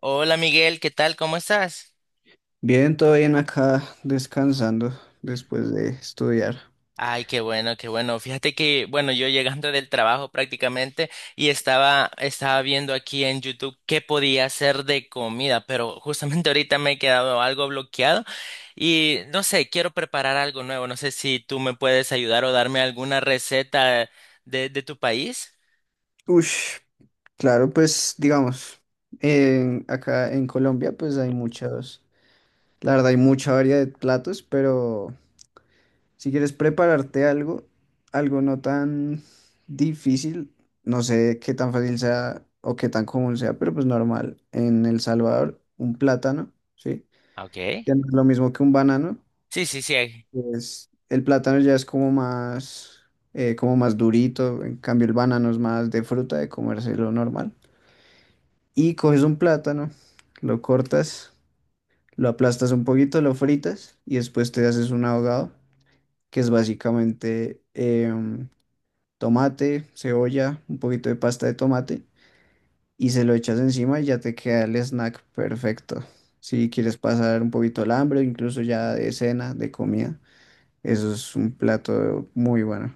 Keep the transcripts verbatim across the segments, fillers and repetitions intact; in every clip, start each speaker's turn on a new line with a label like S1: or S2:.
S1: Hola Miguel, ¿qué tal? ¿Cómo estás?
S2: Bien, todo bien acá, descansando después de estudiar.
S1: Ay, qué bueno, qué bueno. Fíjate que, bueno, yo llegando del trabajo prácticamente y estaba, estaba viendo aquí en YouTube qué podía hacer de comida, pero justamente ahorita me he quedado algo bloqueado y no sé, quiero preparar algo nuevo. No sé si tú me puedes ayudar o darme alguna receta de, de tu país.
S2: Ush, claro, pues digamos, en- acá en Colombia pues hay muchos, la verdad hay mucha variedad de platos, pero si quieres prepararte algo, algo no tan difícil, no sé qué tan fácil sea o qué tan común sea, pero pues normal. En El Salvador, un plátano, ¿sí?
S1: Ah, ok.
S2: Que no es lo mismo que un banano.
S1: Sí, sí, sí.
S2: Pues, el plátano ya es como más, eh, como más durito, en cambio el banano es más de fruta, de comérselo normal. Y coges un plátano, lo cortas, lo aplastas un poquito, lo fritas y después te haces un ahogado, que es básicamente em, tomate, cebolla, un poquito de pasta de tomate y se lo echas encima y ya te queda el snack perfecto. Si quieres pasar un poquito el hambre, incluso ya de cena, de comida, eso es un plato muy bueno.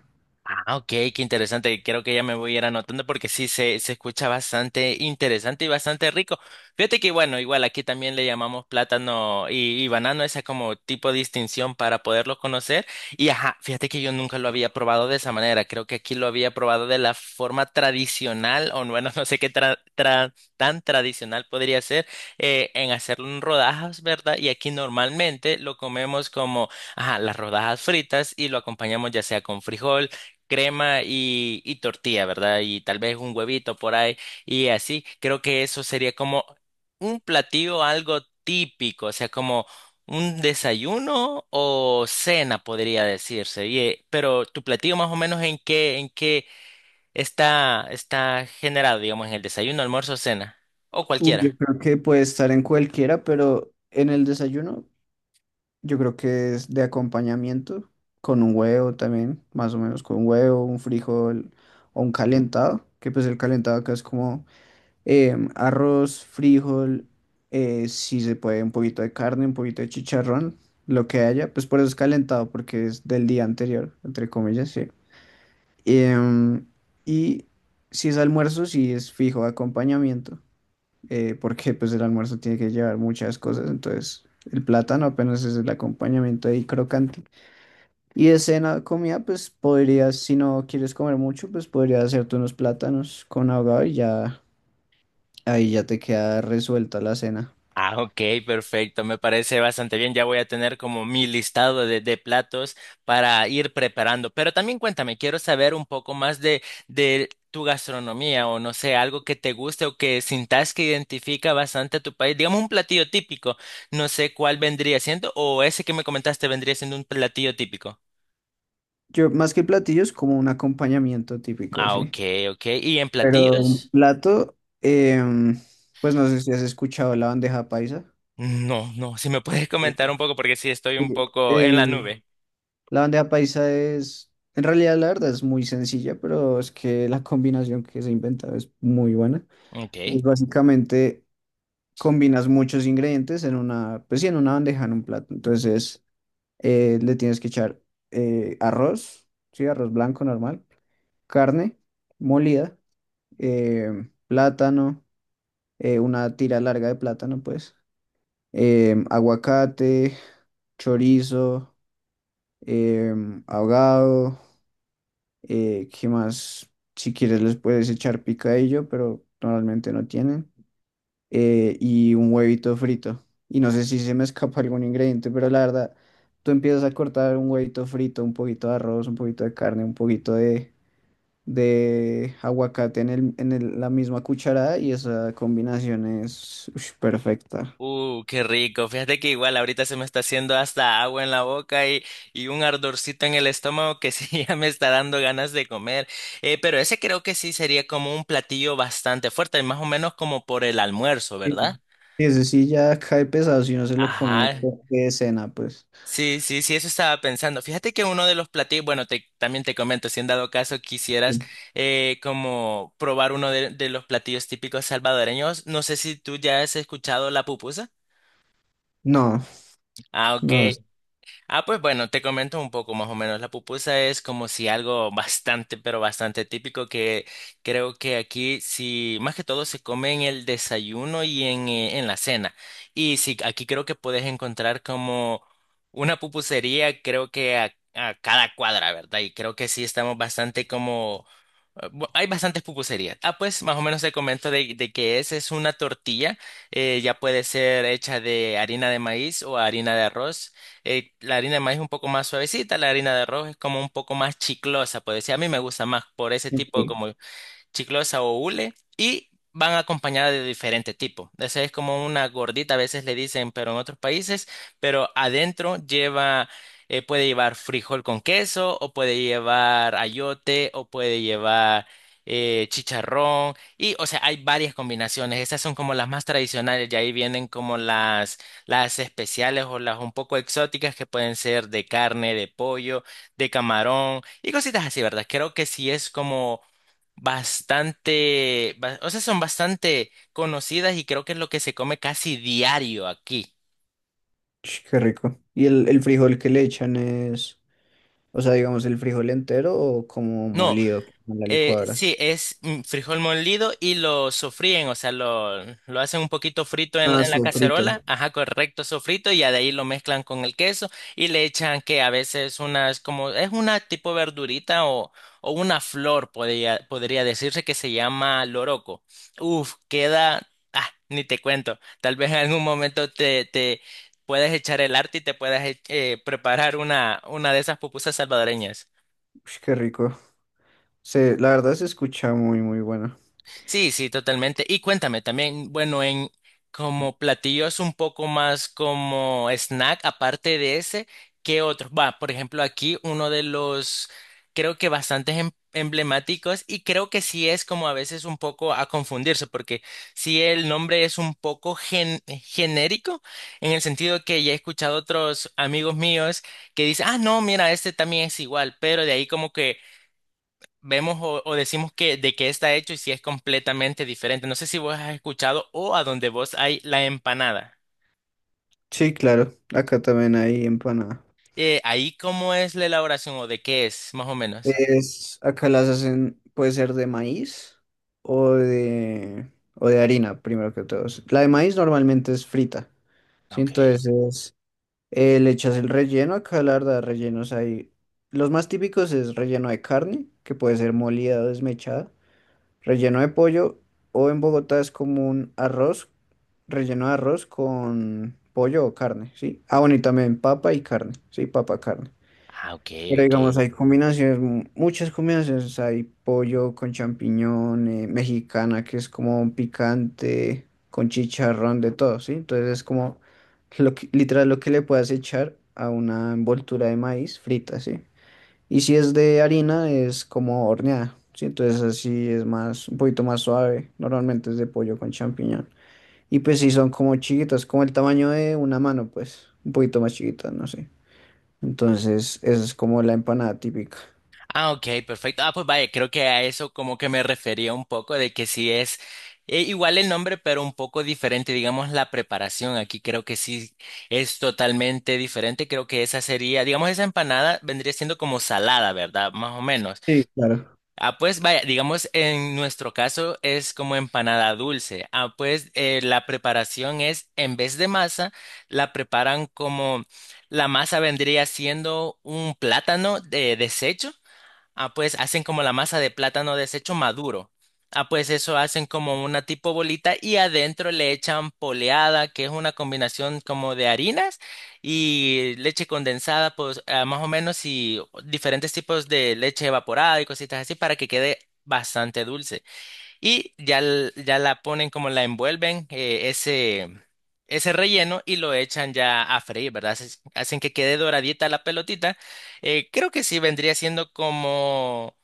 S1: Ah, ok, qué interesante. Creo que ya me voy a ir anotando porque sí se, se escucha bastante interesante y bastante rico. Fíjate que bueno, igual aquí también le llamamos plátano y, y banano, esa como tipo de distinción para poderlo conocer. Y ajá, fíjate que yo nunca lo había probado de esa manera. Creo que aquí lo había probado de la forma tradicional, o bueno, no sé qué tra- tra- tan tradicional podría ser, eh, en hacerlo en rodajas, ¿verdad? Y aquí normalmente lo comemos como, ajá, las rodajas fritas y lo acompañamos ya sea con frijol crema y, y tortilla, ¿verdad? Y tal vez un huevito por ahí y así. Creo que eso sería como un platillo algo típico, o sea, como un desayuno o cena podría decirse. Y, eh, pero tu platillo más o menos en qué, en qué está, está generado, digamos, en el desayuno, almuerzo, cena o
S2: Uy, yo
S1: cualquiera.
S2: creo que puede estar en cualquiera, pero en el desayuno yo creo que es de acompañamiento, con un huevo también, más o menos con un huevo, un frijol o un calentado, que pues el calentado acá es como em, arroz, frijol, eh, si se puede un poquito de carne, un poquito de chicharrón, lo que haya, pues por eso es calentado, porque es del día anterior, entre comillas, sí. Em, y si es almuerzo, si es fijo acompañamiento, eh, porque pues el almuerzo tiene que llevar muchas cosas, entonces el plátano apenas es el acompañamiento ahí crocante. Y de cena, comida, pues podrías, si no quieres comer mucho, pues podrías hacerte unos plátanos con ahogado y ya ahí ya te queda resuelta la cena.
S1: Ah, ok, perfecto, me parece bastante bien. Ya voy a tener como mi listado de, de platos para ir preparando. Pero también cuéntame, quiero saber un poco más de, de tu gastronomía o no sé, algo que te guste o que sintas que identifica bastante a tu país. Digamos un platillo típico, no sé cuál vendría siendo o ese que me comentaste vendría siendo un platillo típico.
S2: Yo, más que platillos, como un acompañamiento típico,
S1: Ah,
S2: sí.
S1: ok, ok. ¿Y en
S2: Pero un
S1: platillos?
S2: plato, em, pues no sé si has escuchado la bandeja paisa.
S1: No, no, si me puedes comentar
S2: Sí.
S1: un poco porque sí estoy un
S2: Sí,
S1: poco en la
S2: El,
S1: nube.
S2: La bandeja paisa es, en realidad la verdad es muy sencilla, pero es que la combinación que se ha inventado es muy buena. Y
S1: Ok.
S2: es básicamente combinas muchos ingredientes en una, pues sí, en una bandeja, en un plato. Entonces eh, le tienes que echar eh, arroz, sí, arroz blanco normal, carne molida, eh, plátano, eh, una tira larga de plátano, pues, em, aguacate, chorizo, em, ahogado. Eh, ¿qué más? Si quieres les puedes echar picadillo, pero normalmente no tienen. Eh, y un huevito frito. Y no sé si se me escapa algún ingrediente, pero la verdad, tú empiezas a cortar un huevito frito, un poquito de arroz, un poquito de carne, un poquito de, de aguacate en el, en el- la misma cucharada y esa combinación es ush, perfecta.
S1: Uh, qué rico. Fíjate que igual ahorita se me está haciendo hasta agua en la boca y, y un ardorcito en el estómago que sí ya me está dando ganas de comer. Eh, pero ese creo que sí sería como un platillo bastante fuerte, más o menos como por el almuerzo,
S2: Sí.
S1: ¿verdad?
S2: Y ese sí ya cae pesado si no se lo come
S1: Ajá.
S2: de de cena, pues.
S1: Sí, sí, sí, eso estaba pensando. Fíjate que uno de los platillos, bueno, te, también te comento, si en dado caso quisieras
S2: Sí.
S1: eh, como probar uno de, de los platillos típicos salvadoreños, no sé si tú ya has escuchado la pupusa.
S2: No,
S1: Ah, ok.
S2: no. es-
S1: Ah, pues bueno, te comento un poco más o menos. La pupusa es como si algo bastante, pero bastante típico que creo que aquí sí, más que todo se come en el desayuno y en, eh, en la cena. Y sí, aquí creo que puedes encontrar como una pupusería, creo que a, a cada cuadra, ¿verdad? Y creo que sí estamos bastante como... eh, bu- Hay bastantes pupuserías. Ah, pues más o menos te comento de, de que es, es una tortilla, eh, ya puede ser hecha de harina de maíz o harina de arroz, eh, la harina de maíz es un poco más suavecita, la harina de arroz es como un poco más chiclosa, pues decir, a mí me gusta más por ese tipo como chiclosa o hule y van acompañadas de diferente tipo. Esa es como una gordita, a veces le dicen, pero en otros países, pero adentro lleva, eh, puede llevar frijol con queso o puede llevar ayote o puede llevar eh, chicharrón y, o sea, hay varias combinaciones. Esas son como las más tradicionales y ahí vienen como las, las especiales o las un poco exóticas que pueden ser de carne, de pollo, de camarón y cositas así, ¿verdad? Creo que sí es como bastante, ba- o sea, son bastante conocidas y creo que es lo que se come casi diario aquí.
S2: Ch, qué rico. ¿Y el, el frijol que le echan es, o sea, digamos, el frijol entero o como
S1: No,
S2: molido, como en la
S1: Eh,
S2: licuadora?
S1: sí, es mm, frijol molido y lo sofríen, o sea, lo, lo hacen un poquito frito en,
S2: Ah,
S1: en la
S2: sofrito.
S1: cacerola, ajá, correcto, sofrito, y ya de ahí lo mezclan con el queso y le echan que a veces unas, como, es una tipo verdurita o, o una flor, podría, podría decirse que se llama loroco. Uf, queda, ah, ni te cuento, tal vez en algún momento te, te puedas echar el arte y te puedas eh, preparar una, una de esas pupusas salvadoreñas.
S2: Ch, qué rico. Se, la verdad se escucha muy, muy bueno.
S1: Sí, sí, totalmente. Y cuéntame también, bueno, en como platillos un poco más como snack, aparte de ese, ¿qué otros? Va, por ejemplo, aquí uno de los, creo que bastantes em- emblemáticos y creo que sí es como a veces un poco a confundirse, porque sí el nombre es un poco gen- genérico, en el sentido que ya he escuchado otros amigos míos que dicen, ah, no, mira, este también es igual, pero de ahí como que vemos o, o decimos que de qué está hecho y si es completamente diferente. No sé si vos has escuchado o a donde vos hay la empanada.
S2: Sí, claro. Acá también hay empanada.
S1: Eh, ahí cómo es la elaboración o de qué es, más o menos.
S2: Es, acá las hacen, puede ser de maíz o de, o de harina, primero que todo. La de maíz normalmente es frita. Sí,
S1: Ok.
S2: entonces Eh, le echas el relleno, acá la verdad, rellenos hay. Los más típicos es relleno de carne, que puede ser molida o desmechada, relleno de pollo, o en Bogotá es como un arroz, relleno de arroz con pollo o carne, ¿sí? Ah, bueno, y también papa y carne, ¿sí? Papa, carne.
S1: Ah, ok,
S2: Pero
S1: ok.
S2: digamos, hay combinaciones, mu- muchas combinaciones. Hay pollo con champiñón, eh, mexicana, que es como un picante, con chicharrón, de todo, ¿sí? Entonces es como lo que, literal lo que le puedas echar a una envoltura de maíz frita, ¿sí? Y si es de harina, es como horneada, ¿sí? Entonces así es más, un poquito más suave. Normalmente es de pollo con champiñón. Y pues sí, son como chiquitas, como el tamaño de una mano, pues, un poquito más chiquitas, no sé. Entonces, esa es como la empanada típica.
S1: Ah, ok, perfecto. Ah, pues vaya, creo que a eso como que me refería un poco de que sí es eh, igual el nombre, pero un poco diferente, digamos, la preparación. Aquí creo que sí es totalmente diferente. Creo que esa sería, digamos, esa empanada vendría siendo como salada, ¿verdad? Más o menos.
S2: Sí, claro.
S1: Ah, pues vaya, digamos en nuestro caso es como empanada dulce. Ah, pues eh, la preparación es, en vez de masa, la preparan como la masa vendría siendo un plátano de desecho. Ah, pues hacen como la masa de plátano deshecho maduro. Ah, pues eso hacen como una tipo bolita y adentro le echan poleada, que es una combinación como de harinas y leche condensada, pues ah, más o menos y diferentes tipos de leche evaporada y cositas así para que quede bastante dulce y ya, l- ya la ponen como la envuelven eh, ese, ese relleno y lo echan ya a freír, ¿verdad? Hace- Hacen que quede doradita la pelotita. Eh, creo que sí vendría siendo como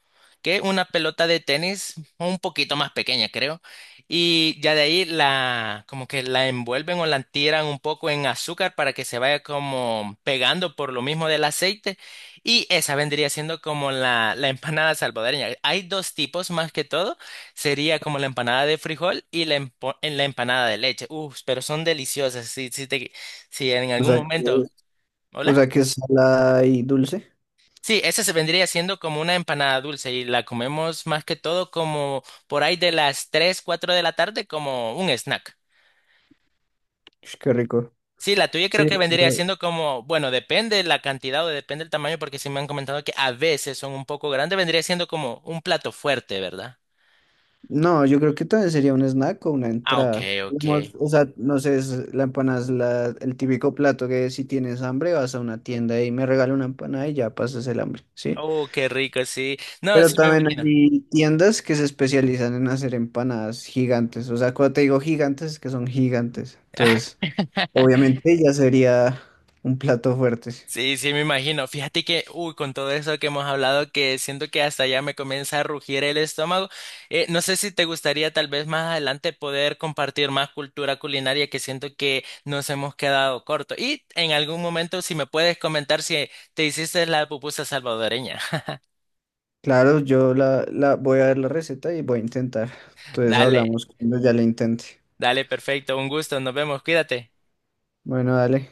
S1: que una pelota de tenis un poquito más pequeña, creo. Y ya de ahí la, como que la envuelven o la tiran un poco en azúcar para que se vaya como pegando por lo mismo del aceite. Y esa vendría siendo como la, la empanada salvadoreña. Hay dos tipos más que todo. Sería como la empanada de frijol y la, empo- en la empanada de leche. Uf, pero son deliciosas. Si, si, te, si en
S2: O
S1: algún
S2: sea, que,
S1: momento.
S2: o
S1: ¿Hola?
S2: sea que es salada y dulce.
S1: Sí, esa se vendría siendo como una empanada dulce y la comemos más que todo como por ahí de las tres, cuatro de la tarde como un snack.
S2: Ush, qué rico.
S1: Sí, la tuya creo
S2: Sí.
S1: que vendría
S2: pero-
S1: siendo como, bueno, depende la cantidad o depende el tamaño porque sí me han comentado que a veces son un poco grandes, vendría siendo como un plato fuerte, ¿verdad?
S2: No, yo creo que también sería un snack o una
S1: Ah, ok,
S2: entrada.
S1: ok.
S2: Digamos, o sea, no sé, es- la empanada es la, el típico plato que si tienes hambre vas a una tienda y me regala una empanada y ya pasas el hambre, ¿sí?
S1: Oh, qué rico, sí. No,
S2: Pero
S1: sí me
S2: también
S1: imagino.
S2: hay tiendas que se especializan en hacer empanadas gigantes. O sea, cuando te digo gigantes es que son gigantes. Entonces... Obviamente ya sería un plato fuerte.
S1: Sí, sí, me imagino. Fíjate que, uy, con todo eso que hemos hablado, que siento que hasta ya me comienza a rugir el estómago. Eh, no sé si te gustaría tal vez más adelante poder compartir más cultura culinaria que siento que nos hemos quedado corto. Y en algún momento, si me puedes comentar si te hiciste la pupusa salvadoreña.
S2: Claro, yo la, la voy a ver la receta y voy a intentar. Entonces
S1: Dale,
S2: hablamos cuando ya la intente.
S1: dale, perfecto. Un gusto. Nos vemos. Cuídate.
S2: Bueno, dale.